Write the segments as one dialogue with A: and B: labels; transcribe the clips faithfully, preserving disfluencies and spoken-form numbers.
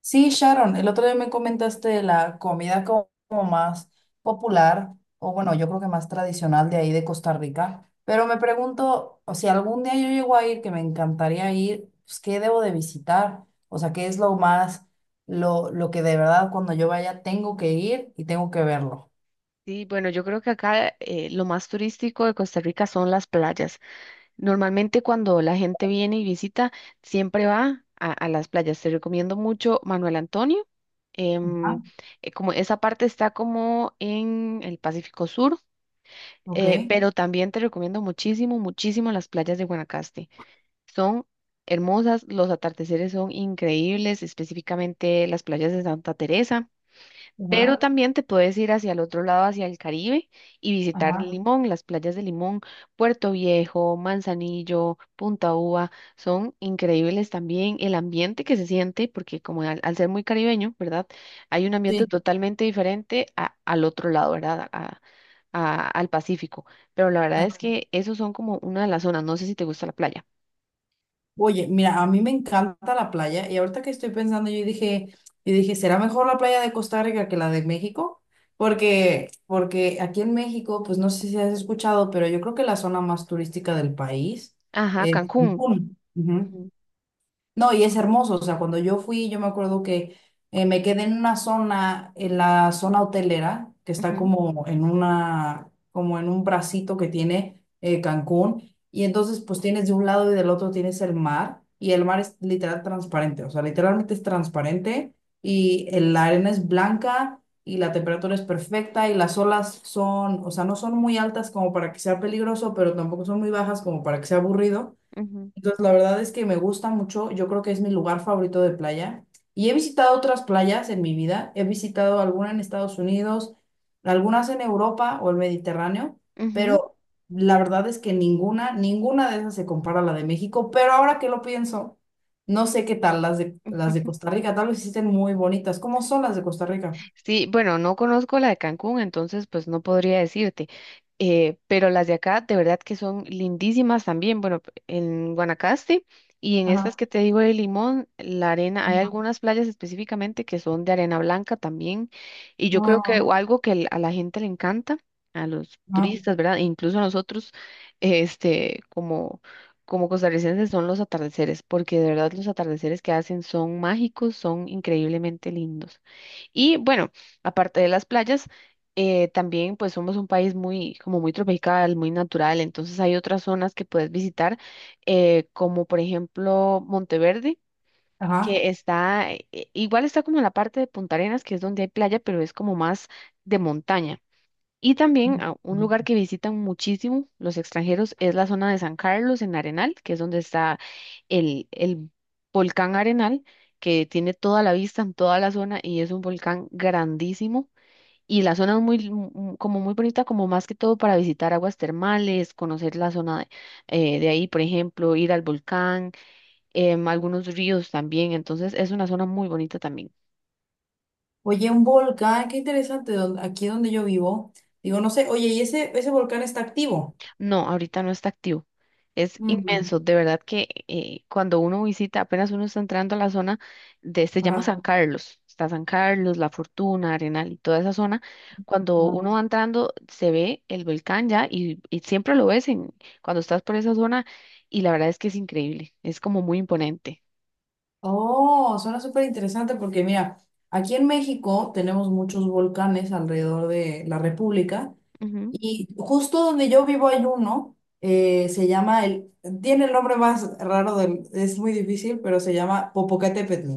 A: Sí, Sharon, el otro día me comentaste de la comida co- como más popular, o bueno, yo creo que más tradicional de ahí de Costa Rica, pero me pregunto, o si algún día yo llego a ir, que me encantaría ir, pues, ¿qué debo de visitar? O sea, ¿qué es lo más, lo, lo que de verdad cuando yo vaya tengo que ir y tengo que verlo?
B: Sí, bueno, yo creo que acá eh, lo más turístico de Costa Rica son las playas. Normalmente cuando la gente viene y visita, siempre va a, a las playas. Te recomiendo mucho Manuel Antonio.
A: Ah,
B: em, eh, Como esa parte está como en el Pacífico Sur, eh,
A: ok.
B: pero también te recomiendo muchísimo, muchísimo las playas de Guanacaste. Son hermosas, los atardeceres son increíbles, específicamente las playas de Santa Teresa.
A: Ajá,
B: Pero también te puedes ir hacia el otro lado, hacia el Caribe, y visitar
A: ajá.
B: Limón, las playas de Limón, Puerto Viejo, Manzanillo, Punta Uva, son increíbles también. El ambiente que se siente, porque como al, al ser muy caribeño, ¿verdad? Hay un ambiente
A: Sí.
B: totalmente diferente a- al otro lado, ¿verdad? A- a- al Pacífico. Pero la verdad es que esos son como una de las zonas. No sé si te gusta la playa.
A: Oye, mira, a mí me encanta la playa y ahorita que estoy pensando, yo dije, yo dije, ¿será mejor la playa de Costa Rica que la de México? Porque, porque aquí en México, pues no sé si has escuchado, pero yo creo que la zona más turística del país
B: Ajá,
A: es
B: Cancún.
A: Cancún. Ujú.
B: Ujú,
A: No, y es hermoso, o sea, cuando yo fui, yo me acuerdo que eh, me quedé en una zona, en la zona hotelera, que está
B: ujú,
A: como en una, como en un bracito que tiene eh, Cancún, y entonces pues tienes de un lado y del otro tienes el mar, y el mar es literal transparente, o sea, literalmente es transparente, y el- la arena es blanca, y la temperatura es perfecta, y las olas son, o sea, no son muy altas como para que sea peligroso, pero tampoco son muy bajas como para que sea aburrido.
B: ujú,
A: Entonces, la verdad es que me gusta mucho. Yo creo que es mi lugar favorito de playa. Y he visitado otras playas en mi vida. He visitado alguna en Estados Unidos, algunas en Europa o el Mediterráneo,
B: ujú,
A: pero la verdad es que ninguna, ninguna de esas se compara a la de México. Pero ahora que lo pienso, no sé qué tal las de, las de
B: ujú.
A: Costa Rica. Tal vez existen muy bonitas. ¿Cómo son las de Costa Rica?
B: Sí, bueno, no conozco la de Cancún, entonces pues no podría decirte, eh, pero las de acá de verdad que son lindísimas también. Bueno, p- en Guanacaste y en estas
A: Ajá.
B: que te digo de Limón, la arena, hay algunas playas específicamente que son de arena blanca también, y yo creo que
A: Ajá.
B: o algo que l- a la gente le encanta, a los
A: Ajá.
B: turistas, ¿verdad? E incluso a nosotros, este, como... Como costarricenses son los atardeceres, porque de verdad los atardeceres que hacen son mágicos, son increíblemente lindos. Y bueno, aparte de las playas, eh, también pues somos un país muy, como muy tropical, muy natural, entonces hay otras zonas que puedes visitar, eh, como por ejemplo Monteverde,
A: Ajá.
B: que está, eh, igual está como en la parte de Punta Arenas, que es donde hay playa, pero es como más de montaña. Y también a un lugar que visitan muchísimo los extranjeros es la zona de San Carlos en Arenal, que es donde está el, el volcán Arenal, que tiene toda la vista en toda la zona y es un volcán grandísimo. Y la zona es muy, m- m- como muy bonita, como más que todo para visitar aguas termales, conocer la zona de, eh, de ahí, por ejemplo, ir al volcán, em, algunos ríos también. Entonces es una zona muy bonita también.
A: Oye, un volcán, qué interesante, don- aquí donde yo vivo. Digo, no sé, oye, ¿y ese, ese volcán está activo?
B: No, ahorita no está activo. Es
A: Mm,
B: inmenso, de verdad que eh, cuando uno visita, apenas uno está entrando a la zona de, se llama
A: ajá,
B: San Carlos, está San Carlos, La Fortuna, Arenal y toda esa zona. Cuando
A: ajá.
B: uno va entrando, se ve el volcán ya y, y siempre lo ves en, cuando estás por esa zona y la verdad es que es increíble, es como muy imponente.
A: Oh, suena súper interesante porque mira, aquí en México tenemos muchos volcanes alrededor de la República y justo donde yo vivo hay uno, eh, se llama el, tiene el nombre más raro del, es muy difícil, pero se llama Popocatépetl.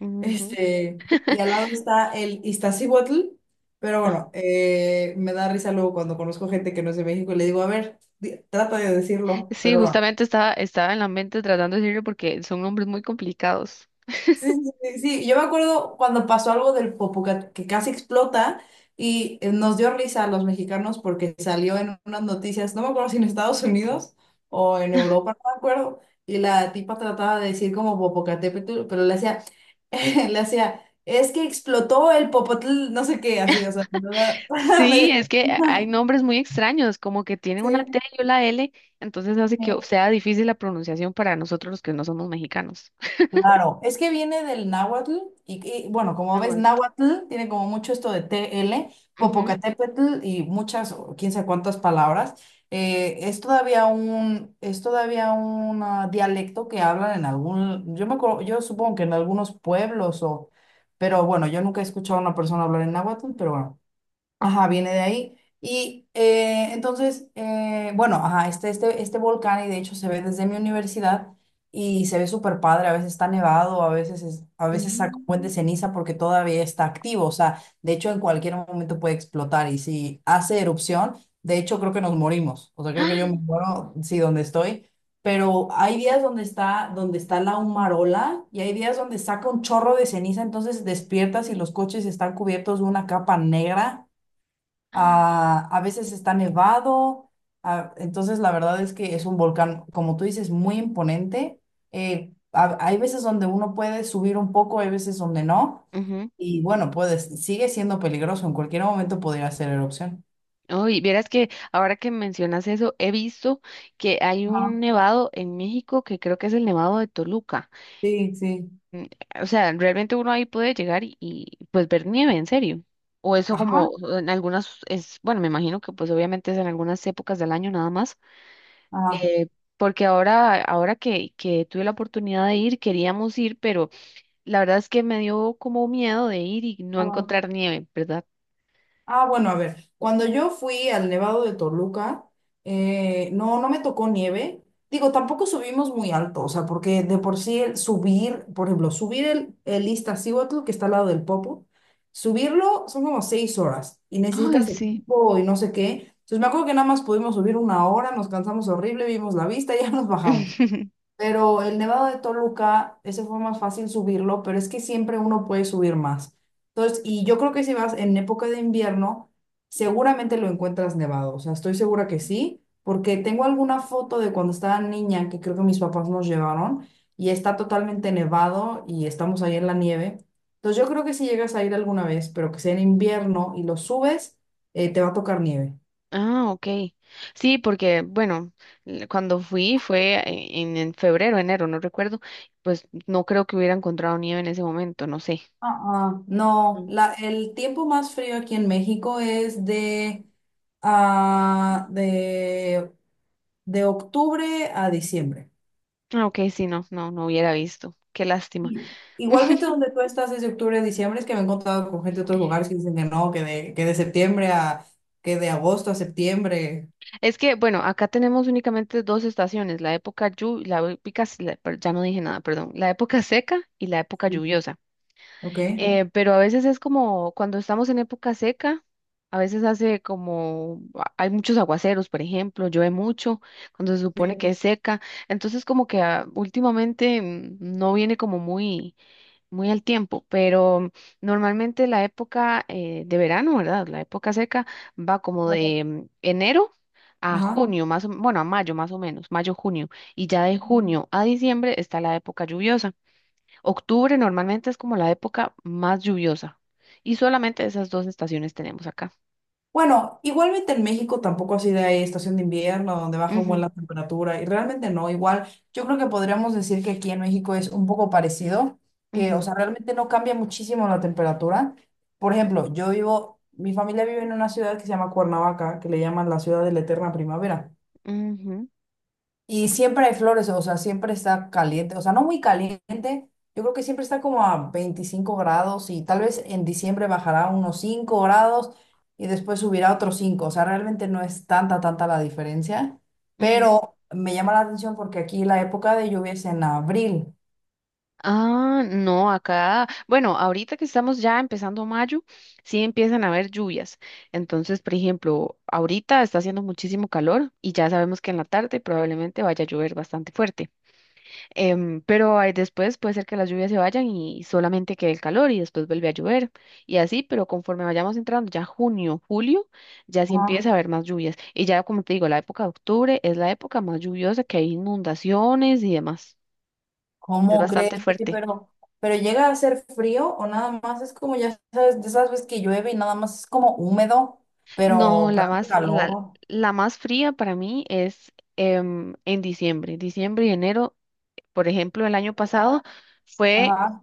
B: Ujú, ujú.
A: Este, y al lado está el Iztaccíhuatl, pero
B: Ah,
A: bueno, eh, me da risa luego cuando conozco gente que no es de México y le digo, a ver, di- trata de decirlo,
B: sí,
A: pero bueno.
B: justamente estaba, estaba en la mente tratando de decirlo porque son nombres muy complicados.
A: Sí, sí, sí, sí. Yo me acuerdo cuando pasó algo del Popocatépetl que que casi explota y eh, nos dio risa a los mexicanos porque salió en unas noticias, no me acuerdo si en Estados Unidos o en Europa, no me acuerdo, y la tipa trataba de decir como Popocatépetl, pero le hacía, le hacía, es que explotó el Popotl, no sé qué, así, o sea, ¿verdad?
B: Sí,
A: Me-
B: es que hay nombres muy extraños, como que tienen una
A: Sí.
B: T y una L, entonces hace que sea difícil la pronunciación para nosotros los que no somos mexicanos.
A: Claro, es que viene del náhuatl y, y, bueno, como
B: Ah,
A: ves,
B: bueno.
A: náhuatl tiene como mucho esto de T L,
B: Ujú,
A: Popocatépetl y muchas, o quién sabe cuántas palabras. Eh, es todavía un, es todavía un ah, dialecto que hablan en algún, yo me acuerdo- yo supongo que en algunos pueblos o, pero bueno, yo nunca he escuchado a una persona hablar en náhuatl, pero bueno. Ajá, viene de ahí. Y eh, entonces, eh, bueno, ajá, este, este, este volcán, y de hecho se ve desde mi universidad, y se ve súper padre, a veces está nevado, a veces, es- a veces saca un buen de
B: ujú.
A: ceniza porque todavía está activo, o sea, de hecho en cualquier momento puede explotar, y si hace erupción, de hecho creo que nos morimos, o sea, creo que yo me
B: ¡Ah!
A: muero, sí, donde estoy, pero hay días donde está, donde está la humarola, y hay días donde saca un chorro de ceniza, entonces despiertas y los coches están cubiertos de una capa negra. Ah, a veces está nevado, ah, entonces la verdad es que es un volcán, como tú dices, muy imponente. Eh, ha- hay veces donde uno puede subir un poco, hay veces donde no,
B: Ujú.
A: y bueno, puedes, sigue siendo peligroso, en cualquier momento podría hacer erupción.
B: Uy, vieras que ahora que mencionas eso, he visto que hay
A: Ajá.
B: un nevado en México que creo que es el nevado de Toluca.
A: Sí, sí.
B: Mm. O sea, realmente uno ahí puede llegar y, y, pues ver nieve, en serio. O eso como
A: Ajá,
B: o en algunas es, bueno, me imagino que pues obviamente es en algunas épocas del año nada más, eh, porque ahora, ahora que, que tuve la oportunidad de ir, queríamos ir, pero la verdad es que me dio como miedo de ir y no
A: ajá.
B: encontrar nieve, ¿verdad?
A: Ah, bueno, a ver, cuando yo fui al Nevado de Toluca, eh, no, no me tocó nieve. Digo, tampoco subimos muy alto, o sea, porque de por sí el subir, por ejemplo, subir el, el Iztaccíhuatl, que está al lado del Popo, subirlo son como seis horas y
B: Ay,
A: necesitas
B: sí.
A: equipo y no sé qué. Entonces me acuerdo que nada más pudimos subir una hora, nos cansamos horrible, vimos la vista y ya nos bajamos. Pero el Nevado de Toluca, ese fue más fácil subirlo, pero es que siempre uno puede subir más. Entonces, y yo creo que si vas en época de invierno, seguramente lo encuentras nevado. O sea, estoy segura que sí, porque tengo alguna foto de cuando estaba niña que creo que mis papás nos llevaron y está totalmente nevado y estamos ahí en la nieve. Entonces, yo creo que si llegas a ir alguna vez, pero que sea en invierno y lo subes, eh, te va a tocar nieve.
B: Ah, ok. Sí, porque, bueno, l- cuando fui fue e- en, en febrero, enero, no recuerdo, pues no creo que hubiera encontrado nieve en ese momento, no sé.
A: Ah, ah, no,
B: Mm.
A: la, el tiempo más frío aquí en México es de, ah, de, de octubre a diciembre.
B: Ah, ok, sí, no, no, no hubiera visto. Qué lástima.
A: Y- Igualmente donde tú estás es de octubre a diciembre, es que me he encontrado con gente de otros lugares que dicen que no, que de, que de septiembre a, que de agosto a septiembre.
B: Es que, bueno, acá tenemos únicamente dos estaciones, la época llu- la época, s- la- per- ya no dije nada, perdón, la época seca y la época
A: Sí.
B: lluviosa.
A: ¿Ok?
B: Eh, pero a veces es como cuando estamos en época seca, a veces hace como, a- hay muchos aguaceros, por ejemplo, llueve mucho cuando se supone
A: Sí.
B: que es seca, entonces como que ah, últimamente mm, no viene como muy muy al tiempo, pero normalmente la época eh, de verano, ¿verdad? La época seca va como de mm, enero a
A: Ajá.
B: junio, más o- bueno, a mayo más o menos, mayo, junio, y ya de junio a diciembre está la época lluviosa. Octubre normalmente es como la época más lluviosa y solamente esas dos estaciones tenemos acá.
A: Bueno, igualmente en México tampoco así de ahí estación de invierno donde baja un buen
B: Ujú,
A: la temperatura y realmente no, igual yo creo que podríamos decir que aquí en México es un poco parecido, que o
B: ujú,
A: sea, realmente no cambia muchísimo la temperatura. Por ejemplo, yo vivo, mi familia vive en una ciudad que se llama Cuernavaca, que le llaman la ciudad de la eterna primavera.
B: ujú,
A: Y siempre hay flores, o sea, siempre está caliente, o sea, no muy caliente, yo creo que siempre está como a veinticinco grados y tal vez en diciembre bajará unos cinco grados y después subirá otros cinco o sea, realmente no es tanta, tanta la diferencia,
B: ujú.
A: pero me llama la atención porque aquí la época de lluvia es en abril.
B: Ah, no, acá, bueno, ahorita que estamos ya empezando mayo, sí empiezan a haber lluvias. Entonces, por ejemplo, ahorita está haciendo muchísimo calor y ya sabemos que en la tarde probablemente vaya a llover bastante fuerte. Em, pero ahí después puede ser que las lluvias se vayan y solamente quede el calor y después vuelve a llover y así, pero conforme vayamos entrando ya junio, julio, ya sí
A: Ajá.
B: empieza a haber más lluvias. Y ya, como te digo, la época de octubre es la época más lluviosa que hay inundaciones y demás. Es
A: ¿Cómo crees?
B: bastante
A: Oye,
B: fuerte.
A: Pero, pero llega a ser frío o nada más es como, ya sabes, de esas veces que llueve y nada más es como húmedo,
B: No,
A: pero,
B: la
A: pero hace
B: más, la,
A: calor.
B: la más fría para mí es em, en diciembre. Diciembre y enero, por ejemplo, el año pasado fue,
A: Ajá,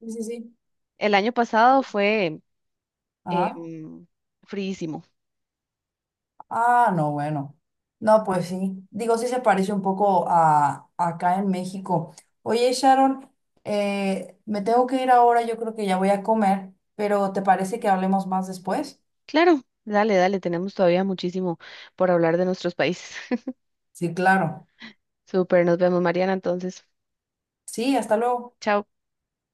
A: sí, sí, sí.
B: el año pasado fue
A: Ajá.
B: em, fríísimo.
A: Ah, no, bueno. No, pues sí. Digo, sí se parece un poco a a acá en México. Oye, Sharon, eh, me tengo que ir ahora, yo creo que ya voy a comer, pero ¿te parece que hablemos más después?
B: Claro, dale, dale, tenemos todavía muchísimo por hablar de nuestros países.
A: Sí, claro.
B: Súper, nos vemos, Mariana, entonces.
A: Sí, hasta luego.
B: Chao.